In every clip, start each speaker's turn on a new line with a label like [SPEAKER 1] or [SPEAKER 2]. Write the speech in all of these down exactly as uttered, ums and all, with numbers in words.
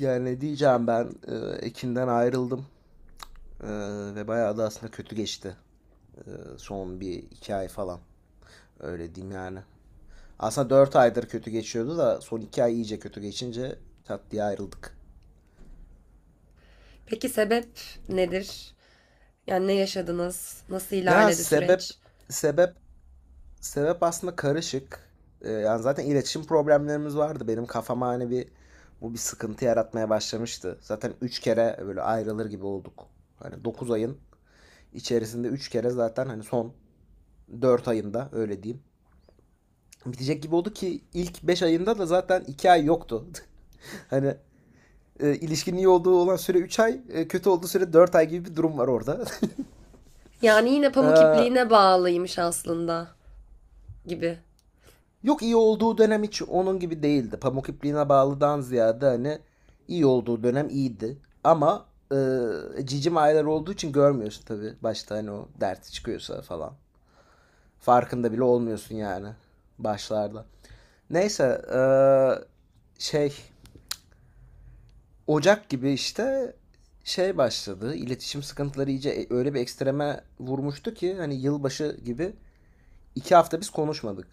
[SPEAKER 1] Yani diyeceğim ben e, Ekin'den ayrıldım. E, Ve bayağı da aslında kötü geçti, E, son bir iki ay falan öyle diyeyim yani. Aslında dört aydır kötü geçiyordu da son iki ay iyice kötü geçince tat diye ayrıldık.
[SPEAKER 2] Peki sebep nedir? Yani ne yaşadınız? Nasıl
[SPEAKER 1] Ya
[SPEAKER 2] ilerledi
[SPEAKER 1] sebep
[SPEAKER 2] süreç?
[SPEAKER 1] sebep sebep aslında karışık. E, yani zaten iletişim problemlerimiz vardı, benim kafama hani bir bu bir sıkıntı yaratmaya başlamıştı. Zaten üç kere böyle ayrılır gibi olduk. Hani dokuz ayın içerisinde üç kere, zaten hani son dört ayında öyle diyeyim. Bitecek gibi oldu, ki ilk beş ayında da zaten iki ay yoktu. Hani e, ilişkinin iyi olduğu olan süre üç ay, e, kötü olduğu süre dört ay gibi bir durum var orada.
[SPEAKER 2] Yani yine pamuk
[SPEAKER 1] E,
[SPEAKER 2] ipliğine bağlıymış aslında gibi.
[SPEAKER 1] Yok, iyi olduğu dönem hiç onun gibi değildi. Pamuk ipliğine bağlıdan ziyade hani iyi olduğu dönem iyiydi. Ama e, cicim aylar olduğu için görmüyorsun tabii. Başta hani o derti çıkıyorsa falan. Farkında bile olmuyorsun yani başlarda. Neyse, e, şey, Ocak gibi işte şey başladı. İletişim sıkıntıları iyice e- öyle bir ekstreme vurmuştu ki hani yılbaşı gibi iki hafta biz konuşmadık.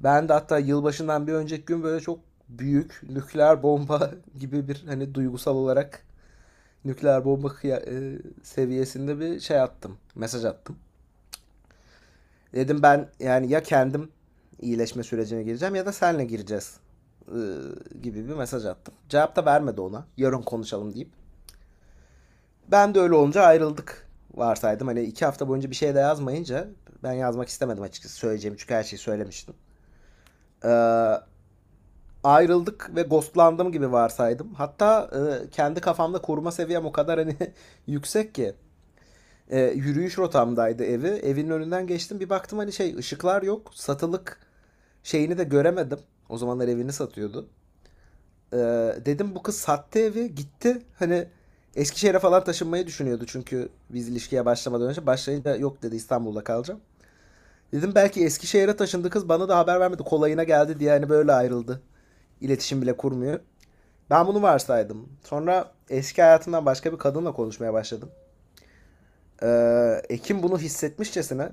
[SPEAKER 1] Ben de hatta yılbaşından bir önceki gün böyle çok büyük nükleer bomba gibi, bir hani duygusal olarak nükleer bomba kıya- e, seviyesinde bir şey attım. Mesaj attım. Dedim ben yani ya kendim iyileşme sürecine gireceğim ya da senle gireceğiz, e, gibi bir mesaj attım. Cevap da vermedi ona. Yarın konuşalım deyip. Ben de öyle olunca ayrıldık varsaydım. Hani iki hafta boyunca bir şey de yazmayınca ben yazmak istemedim, açıkçası söyleyeceğim çünkü her şeyi söylemiştim. Ee, Ayrıldık ve ghostlandım gibi varsaydım. Hatta e, kendi kafamda koruma seviyem o kadar hani yüksek ki. E, yürüyüş rotamdaydı evi. Evin önünden geçtim, bir baktım hani şey, ışıklar yok. Satılık şeyini de göremedim. O zamanlar evini satıyordu. Ee, Dedim bu kız sattı evi gitti. Hani Eskişehir'e falan taşınmayı düşünüyordu çünkü, biz ilişkiye başlamadan önce. Başlayınca yok dedi, İstanbul'da kalacağım. Dedim belki Eskişehir'e taşındı kız, bana da haber vermedi. Kolayına geldi diye hani böyle ayrıldı. İletişim bile kurmuyor. Ben bunu varsaydım. Sonra eski hayatımdan başka bir kadınla konuşmaya başladım. Ee, Ekim bunu hissetmişçesine,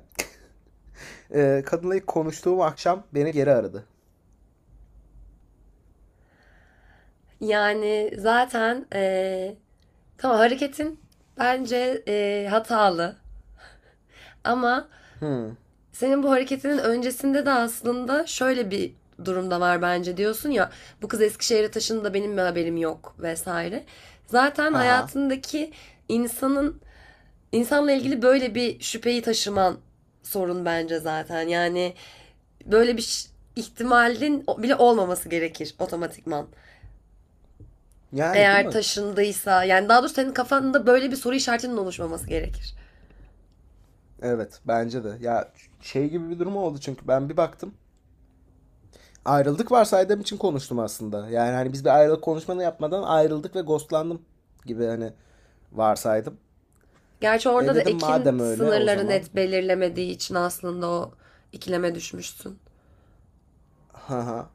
[SPEAKER 1] e, kadınla ilk konuştuğum akşam beni geri aradı.
[SPEAKER 2] Yani zaten eee, tamam, hareketin bence eee, hatalı, ama
[SPEAKER 1] Hmm.
[SPEAKER 2] senin bu hareketinin öncesinde de aslında şöyle bir durumda var bence, diyorsun ya, bu kız Eskişehir'e taşındı da benim bir haberim yok vesaire. Zaten
[SPEAKER 1] Haha.
[SPEAKER 2] hayatındaki insanın İnsanla ilgili böyle bir şüpheyi taşıman sorun bence zaten. Yani böyle bir ihtimalin bile olmaması gerekir otomatikman.
[SPEAKER 1] Yani değil
[SPEAKER 2] Eğer
[SPEAKER 1] mi?
[SPEAKER 2] taşındıysa, yani daha doğrusu senin kafanda böyle bir soru işaretinin oluşmaması gerekir.
[SPEAKER 1] Evet, bence de. Ya, şey gibi bir durum oldu çünkü ben bir baktım. Ayrıldık varsaydığım için konuştum aslında. Yani hani biz bir ayrılık konuşmanı yapmadan ayrıldık ve ghostlandım gibi hani varsaydım.
[SPEAKER 2] Gerçi
[SPEAKER 1] E
[SPEAKER 2] orada da
[SPEAKER 1] dedim,
[SPEAKER 2] Ekin
[SPEAKER 1] madem öyle o
[SPEAKER 2] sınırları
[SPEAKER 1] zaman.
[SPEAKER 2] net belirlemediği için aslında o ikileme düşmüşsün.
[SPEAKER 1] Haha.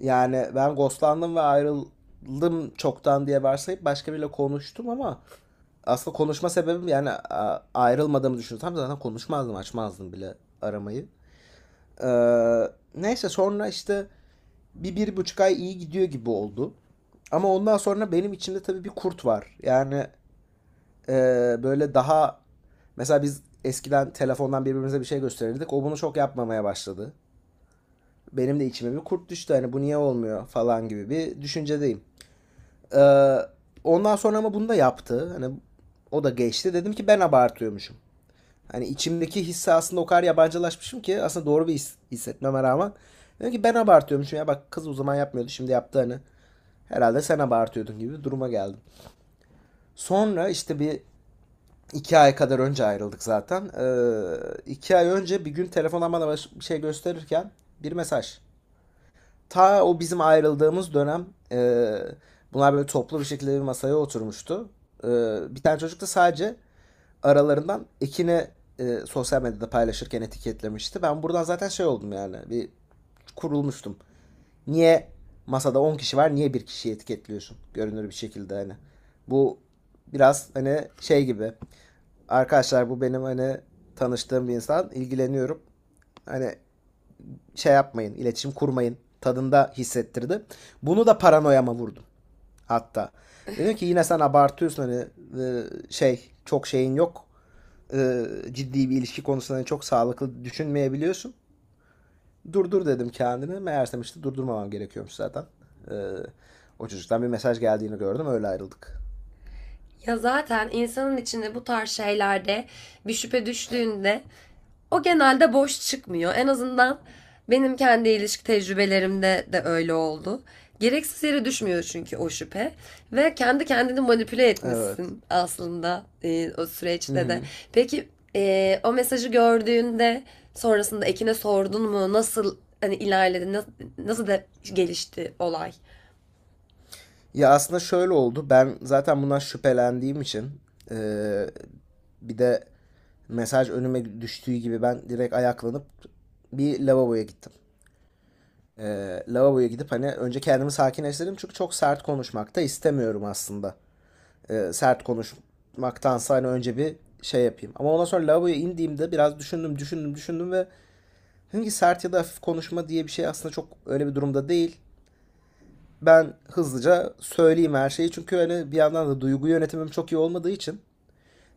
[SPEAKER 1] Yani ben ghostlandım ve ayrıldım çoktan diye varsayıp başka biriyle konuştum, ama aslında konuşma sebebim yani, a- ayrılmadığımı düşünsem zaten konuşmazdım, açmazdım bile aramayı. Ee, Neyse, sonra işte bir bir buçuk ay iyi gidiyor gibi oldu. Ama ondan sonra benim içimde tabii bir kurt var. Yani e, böyle daha, mesela biz eskiden telefondan birbirimize bir şey gösterirdik. O bunu çok yapmamaya başladı. Benim de içime bir kurt düştü. Hani bu niye olmuyor falan gibi bir düşüncedeyim. E, Ondan sonra ama bunu da yaptı. Hani o da geçti. Dedim ki, ben abartıyormuşum. Hani içimdeki hisse aslında o kadar yabancılaşmışım ki, aslında doğru bir his hissetmeme rağmen. Dedim ki ben abartıyormuşum, ya bak kız o zaman yapmıyordu şimdi yaptı hani. Herhalde sen abartıyordun gibi bir duruma geldim. Sonra işte bir iki ay kadar önce ayrıldık zaten. Ee, iki ay önce bir gün telefona bana bir şey gösterirken bir mesaj. Ta o bizim ayrıldığımız dönem e, bunlar böyle toplu bir şekilde bir masaya oturmuştu. Ee, Bir tane çocuk da sadece aralarından Ekin'i e, sosyal medyada paylaşırken etiketlemişti. Ben buradan zaten şey oldum yani, bir kurulmuştum. Niye masada on kişi var, niye bir kişiyi etiketliyorsun görünür bir şekilde, hani. Bu biraz hani şey gibi. Arkadaşlar bu benim hani tanıştığım bir insan, ilgileniyorum. Hani şey yapmayın, iletişim kurmayın tadında hissettirdi. Bunu da paranoyama vurdum hatta. Dedim ki yine sen abartıyorsun hani, e, şey, çok şeyin yok. E, Ciddi bir ilişki konusunda hani çok sağlıklı düşünmeyebiliyorsun. Durdur dedim kendini. Meğersem işte durdurmamam gerekiyormuş zaten. Ee, O çocuktan bir mesaj geldiğini gördüm. Öyle ayrıldık.
[SPEAKER 2] Ya zaten insanın içinde bu tarz şeylerde bir şüphe düştüğünde o genelde boş çıkmıyor. En azından benim kendi ilişki tecrübelerimde de öyle oldu. Gereksiz yere düşmüyor çünkü o şüphe. Ve kendi kendini manipüle
[SPEAKER 1] Evet.
[SPEAKER 2] etmişsin aslında e, o
[SPEAKER 1] Hı
[SPEAKER 2] süreçte de.
[SPEAKER 1] hı.
[SPEAKER 2] Peki, e, o mesajı gördüğünde sonrasında Ekin'e sordun mu? Nasıl hani ilerledi? Nasıl, nasıl da gelişti olay?
[SPEAKER 1] Ya aslında şöyle oldu. Ben zaten bundan şüphelendiğim için, ee, bir de mesaj önüme düştüğü gibi ben direkt ayaklanıp bir lavaboya gittim. Ee, lavaboya gidip hani önce kendimi sakinleştirdim çünkü çok sert konuşmak da istemiyorum aslında. E, sert konuşmaktansa hani önce bir şey yapayım. Ama ondan sonra lavaboya indiğimde biraz düşündüm, düşündüm, düşündüm ve dedim ki sert ya da hafif konuşma diye bir şey aslında çok öyle bir durumda değil. Ben hızlıca söyleyeyim her şeyi çünkü hani bir yandan da duygu yönetimim çok iyi olmadığı için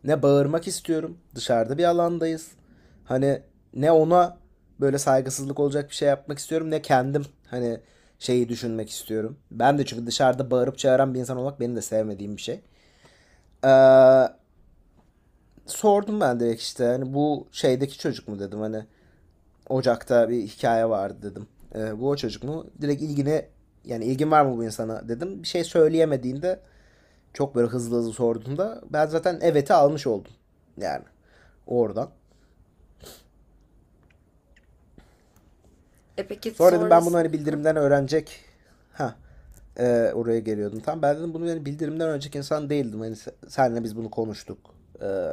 [SPEAKER 1] ne bağırmak istiyorum. Dışarıda bir alandayız. Hani ne ona böyle saygısızlık olacak bir şey yapmak istiyorum, ne kendim hani şeyi düşünmek istiyorum. Ben de çünkü dışarıda bağırıp çağıran bir insan olmak benim de sevmediğim bir şey. Sordum ben direkt işte, hani bu şeydeki çocuk mu dedim, hani Ocak'ta bir hikaye vardı dedim. Ee, bu o çocuk mu? Direkt ilgine, yani ilgin var mı bu insana dedim. Bir şey söyleyemediğinde, çok böyle hızlı hızlı sorduğunda ben zaten evet'i almış oldum yani oradan.
[SPEAKER 2] E peki,
[SPEAKER 1] Sonra dedim ben bunu
[SPEAKER 2] sonrasında?
[SPEAKER 1] hani bildirimden öğrenecek. Ha. Ee, oraya geliyordum. Tam ben dedim, bunu yani bildirimden önceki insan değildim. Hani senle biz bunu konuştuk. Ee,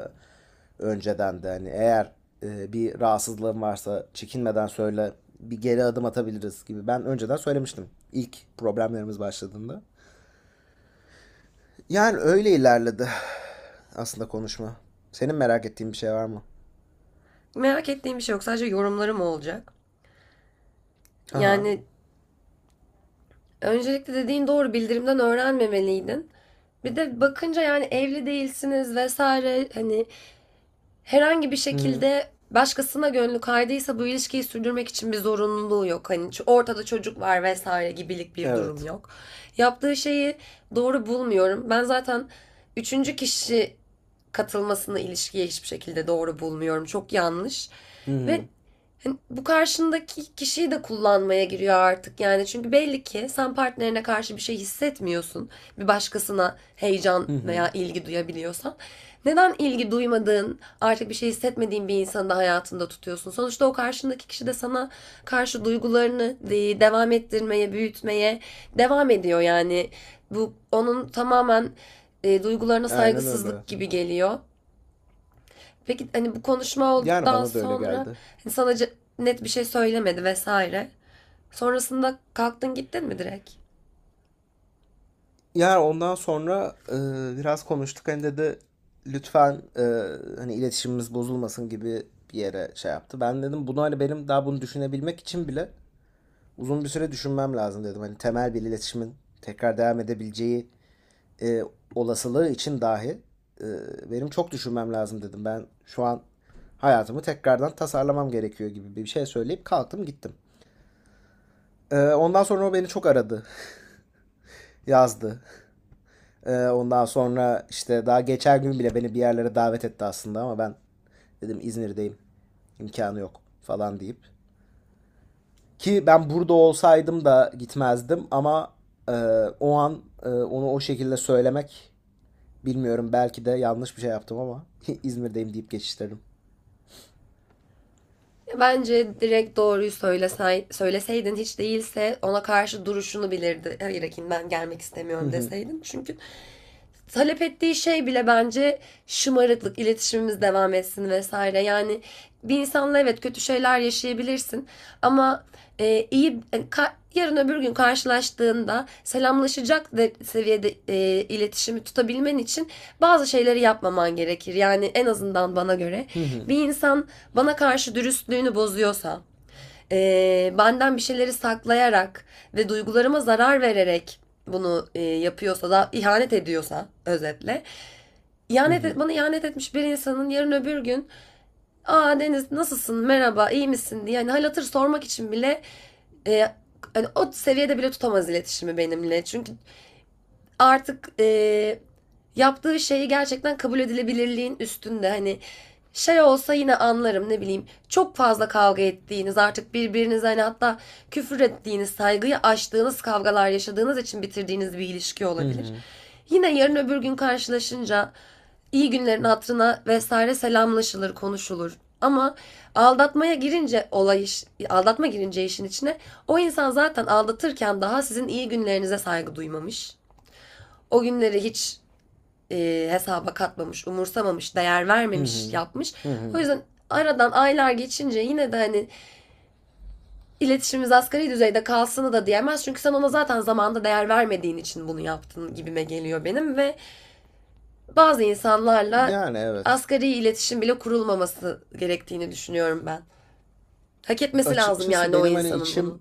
[SPEAKER 1] Önceden de hani eğer e, bir rahatsızlığın varsa çekinmeden söyle, bir geri adım atabiliriz gibi. Ben önceden söylemiştim, ilk problemlerimiz başladığında. Yani öyle ilerledi aslında konuşma. Senin merak ettiğin bir şey var mı?
[SPEAKER 2] Merak ettiğim bir şey yok. Sadece yorumlarım olacak.
[SPEAKER 1] Haha.
[SPEAKER 2] Yani öncelikle, dediğin doğru, bildirimden öğrenmemeliydin. Bir de bakınca yani evli değilsiniz vesaire, hani herhangi bir
[SPEAKER 1] Hı hı.
[SPEAKER 2] şekilde başkasına gönlü kaydıysa bu ilişkiyi sürdürmek için bir zorunluluğu yok. Hani ortada çocuk var vesaire gibilik bir durum
[SPEAKER 1] Evet.
[SPEAKER 2] yok. Yaptığı şeyi doğru bulmuyorum. Ben zaten üçüncü kişi katılmasını ilişkiye hiçbir şekilde doğru bulmuyorum. Çok yanlış.
[SPEAKER 1] Hı
[SPEAKER 2] Ve
[SPEAKER 1] hı.
[SPEAKER 2] hani bu karşındaki kişiyi de kullanmaya giriyor artık yani. Çünkü belli ki sen partnerine karşı bir şey hissetmiyorsun. Bir başkasına heyecan
[SPEAKER 1] Hı hı.
[SPEAKER 2] veya ilgi duyabiliyorsan. Neden ilgi duymadığın, artık bir şey hissetmediğin bir insanı da hayatında tutuyorsun? Sonuçta o karşındaki kişi de sana karşı duygularını devam ettirmeye, büyütmeye devam ediyor yani. Bu onun tamamen e, duygularına
[SPEAKER 1] Aynen öyle.
[SPEAKER 2] saygısızlık gibi geliyor. Peki hani bu konuşma
[SPEAKER 1] Yani
[SPEAKER 2] olduktan
[SPEAKER 1] bana da öyle
[SPEAKER 2] sonra
[SPEAKER 1] geldi.
[SPEAKER 2] hani sana ce- net bir şey söylemedi vesaire. Sonrasında kalktın gittin mi direkt?
[SPEAKER 1] Yani ondan sonra e, biraz konuştuk. Hani dedi lütfen, e, hani iletişimimiz bozulmasın gibi bir yere şey yaptı. Ben dedim bunu, hani benim daha bunu düşünebilmek için bile uzun bir süre düşünmem lazım dedim. Hani temel bir iletişimin tekrar devam edebileceği e, olasılığı için dahi e, benim çok düşünmem lazım dedim. Ben şu an hayatımı tekrardan tasarlamam gerekiyor gibi bir şey söyleyip kalktım gittim. E, ondan sonra o beni çok aradı, yazdı. Ee, ondan sonra işte daha geçer gün bile beni bir yerlere davet etti aslında, ama ben dedim İzmir'deyim, imkanı yok falan deyip. Ki ben burada olsaydım da gitmezdim, ama e, o an e, onu o şekilde söylemek, bilmiyorum belki de yanlış bir şey yaptım, ama İzmir'deyim deyip geçiştirdim.
[SPEAKER 2] Ya bence direkt doğruyu söylesen, söyleseydin hiç değilse ona karşı duruşunu bilirdi. Hayır Ekin, ben gelmek
[SPEAKER 1] Hı
[SPEAKER 2] istemiyorum
[SPEAKER 1] hı,
[SPEAKER 2] deseydin. Çünkü talep ettiği şey bile bence şımarıklık, iletişimimiz devam etsin vesaire. Yani bir insanla evet kötü şeyler yaşayabilirsin, ama e, iyi yani ka- yarın öbür gün karşılaştığında selamlaşacak de, seviyede e, iletişimi tutabilmen için bazı şeyleri yapmaman gerekir. Yani en azından bana göre
[SPEAKER 1] hı hı,
[SPEAKER 2] bir insan bana karşı dürüstlüğünü bozuyorsa, eee, benden bir şeyleri saklayarak ve duygularıma zarar vererek bunu eee, yapıyorsa da, ihanet ediyorsa özetle,
[SPEAKER 1] hı
[SPEAKER 2] ihanet et,
[SPEAKER 1] hı,
[SPEAKER 2] bana ihanet etmiş bir insanın yarın öbür gün "Aa Deniz, nasılsın, merhaba, iyi misin?" diye hani hal hatır sormak için bile eee, hani o seviyede bile tutamaz iletişimi benimle, çünkü artık e, yaptığı şeyi gerçekten kabul edilebilirliğin üstünde. Hani şey olsa yine anlarım, ne bileyim, çok fazla kavga ettiğiniz, artık birbirinize hani hatta küfür ettiğiniz, saygıyı aştığınız kavgalar yaşadığınız için bitirdiğiniz bir ilişki
[SPEAKER 1] hı
[SPEAKER 2] olabilir.
[SPEAKER 1] hı,
[SPEAKER 2] Yine yarın öbür gün karşılaşınca iyi günlerin hatırına vesaire selamlaşılır, konuşulur. Ama aldatmaya girince olay iş, aldatma girince işin içine, o insan zaten aldatırken daha sizin iyi günlerinize saygı duymamış. O günleri hiç e, hesaba katmamış, umursamamış, değer
[SPEAKER 1] hı
[SPEAKER 2] vermemiş,
[SPEAKER 1] hı,
[SPEAKER 2] yapmış.
[SPEAKER 1] hı
[SPEAKER 2] O
[SPEAKER 1] hı.
[SPEAKER 2] yüzden aradan aylar geçince yine de hani iletişimimiz asgari düzeyde kalsını da diyemez. Çünkü sen ona zaten zamanında değer vermediğin için bunu yaptın gibime geliyor benim, ve bazı insanlarla
[SPEAKER 1] Yani evet.
[SPEAKER 2] asgari iletişim bile kurulmaması gerektiğini düşünüyorum ben. Hak etmesi lazım
[SPEAKER 1] Açıkçası
[SPEAKER 2] yani o
[SPEAKER 1] benim hani
[SPEAKER 2] insanın
[SPEAKER 1] içim,
[SPEAKER 2] bunu.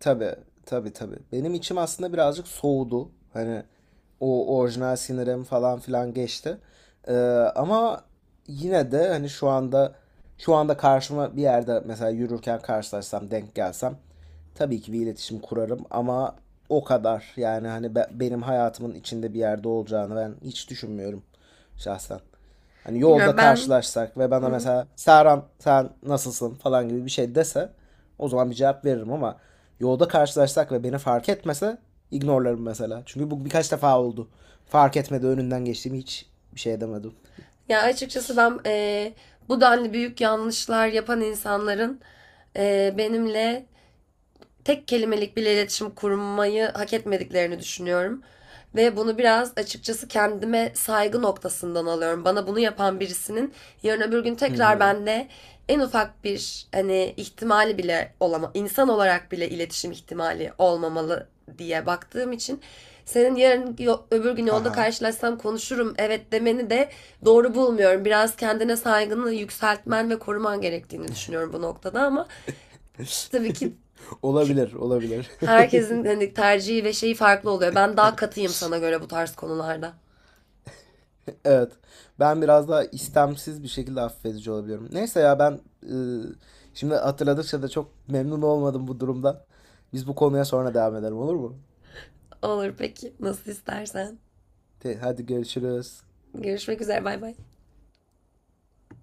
[SPEAKER 1] tabii, tabii tabii. Benim içim aslında birazcık soğudu. Hani o orijinal sinirim falan filan geçti. Ee, Ama yine de hani şu anda, şu anda karşıma bir yerde mesela yürürken karşılaşsam, denk gelsem tabii ki bir iletişim kurarım, ama o kadar. Yani hani be- benim hayatımın içinde bir yerde olacağını ben hiç düşünmüyorum şahsen. Hani yolda
[SPEAKER 2] Bilmiyorum ben.
[SPEAKER 1] karşılaşsak ve
[SPEAKER 2] Hı
[SPEAKER 1] bana
[SPEAKER 2] hı.
[SPEAKER 1] mesela Serhan sen nasılsın falan gibi bir şey dese, o zaman bir cevap veririm, ama yolda karşılaşsak ve beni fark etmese ignorlarım mesela. Çünkü bu birkaç defa oldu. Fark etmedi önünden geçtiğimi, hiç bir şey edemedim.
[SPEAKER 2] Ya açıkçası ben, e, bu denli büyük yanlışlar yapan insanların e, benimle tek kelimelik bile iletişim kurmayı hak etmediklerini düşünüyorum. Ve bunu biraz açıkçası kendime saygı noktasından alıyorum. Bana bunu yapan birisinin yarın öbür gün
[SPEAKER 1] Hı
[SPEAKER 2] tekrar
[SPEAKER 1] hı.
[SPEAKER 2] bende en ufak bir hani ihtimali bile olama, insan olarak bile iletişim ihtimali olmamalı diye baktığım için senin "yarın öbür gün yolda
[SPEAKER 1] Haha.
[SPEAKER 2] karşılaşsam konuşurum" evet demeni de doğru bulmuyorum. Biraz kendine saygını yükseltmen ve koruman gerektiğini düşünüyorum bu noktada, ama tabii ki-
[SPEAKER 1] Olabilir, olabilir.
[SPEAKER 2] herkesin hani tercihi ve şeyi farklı oluyor. Ben daha katıyım sana göre bu tarz konularda.
[SPEAKER 1] Evet. Ben biraz daha istemsiz bir şekilde affedici olabiliyorum. Neyse ya, ben ıı, şimdi hatırladıkça da çok memnun olmadım bu durumda. Biz bu konuya sonra devam edelim, olur mu?
[SPEAKER 2] Olur peki. Nasıl istersen.
[SPEAKER 1] Te- hadi görüşürüz.
[SPEAKER 2] Görüşmek üzere. Bay bay.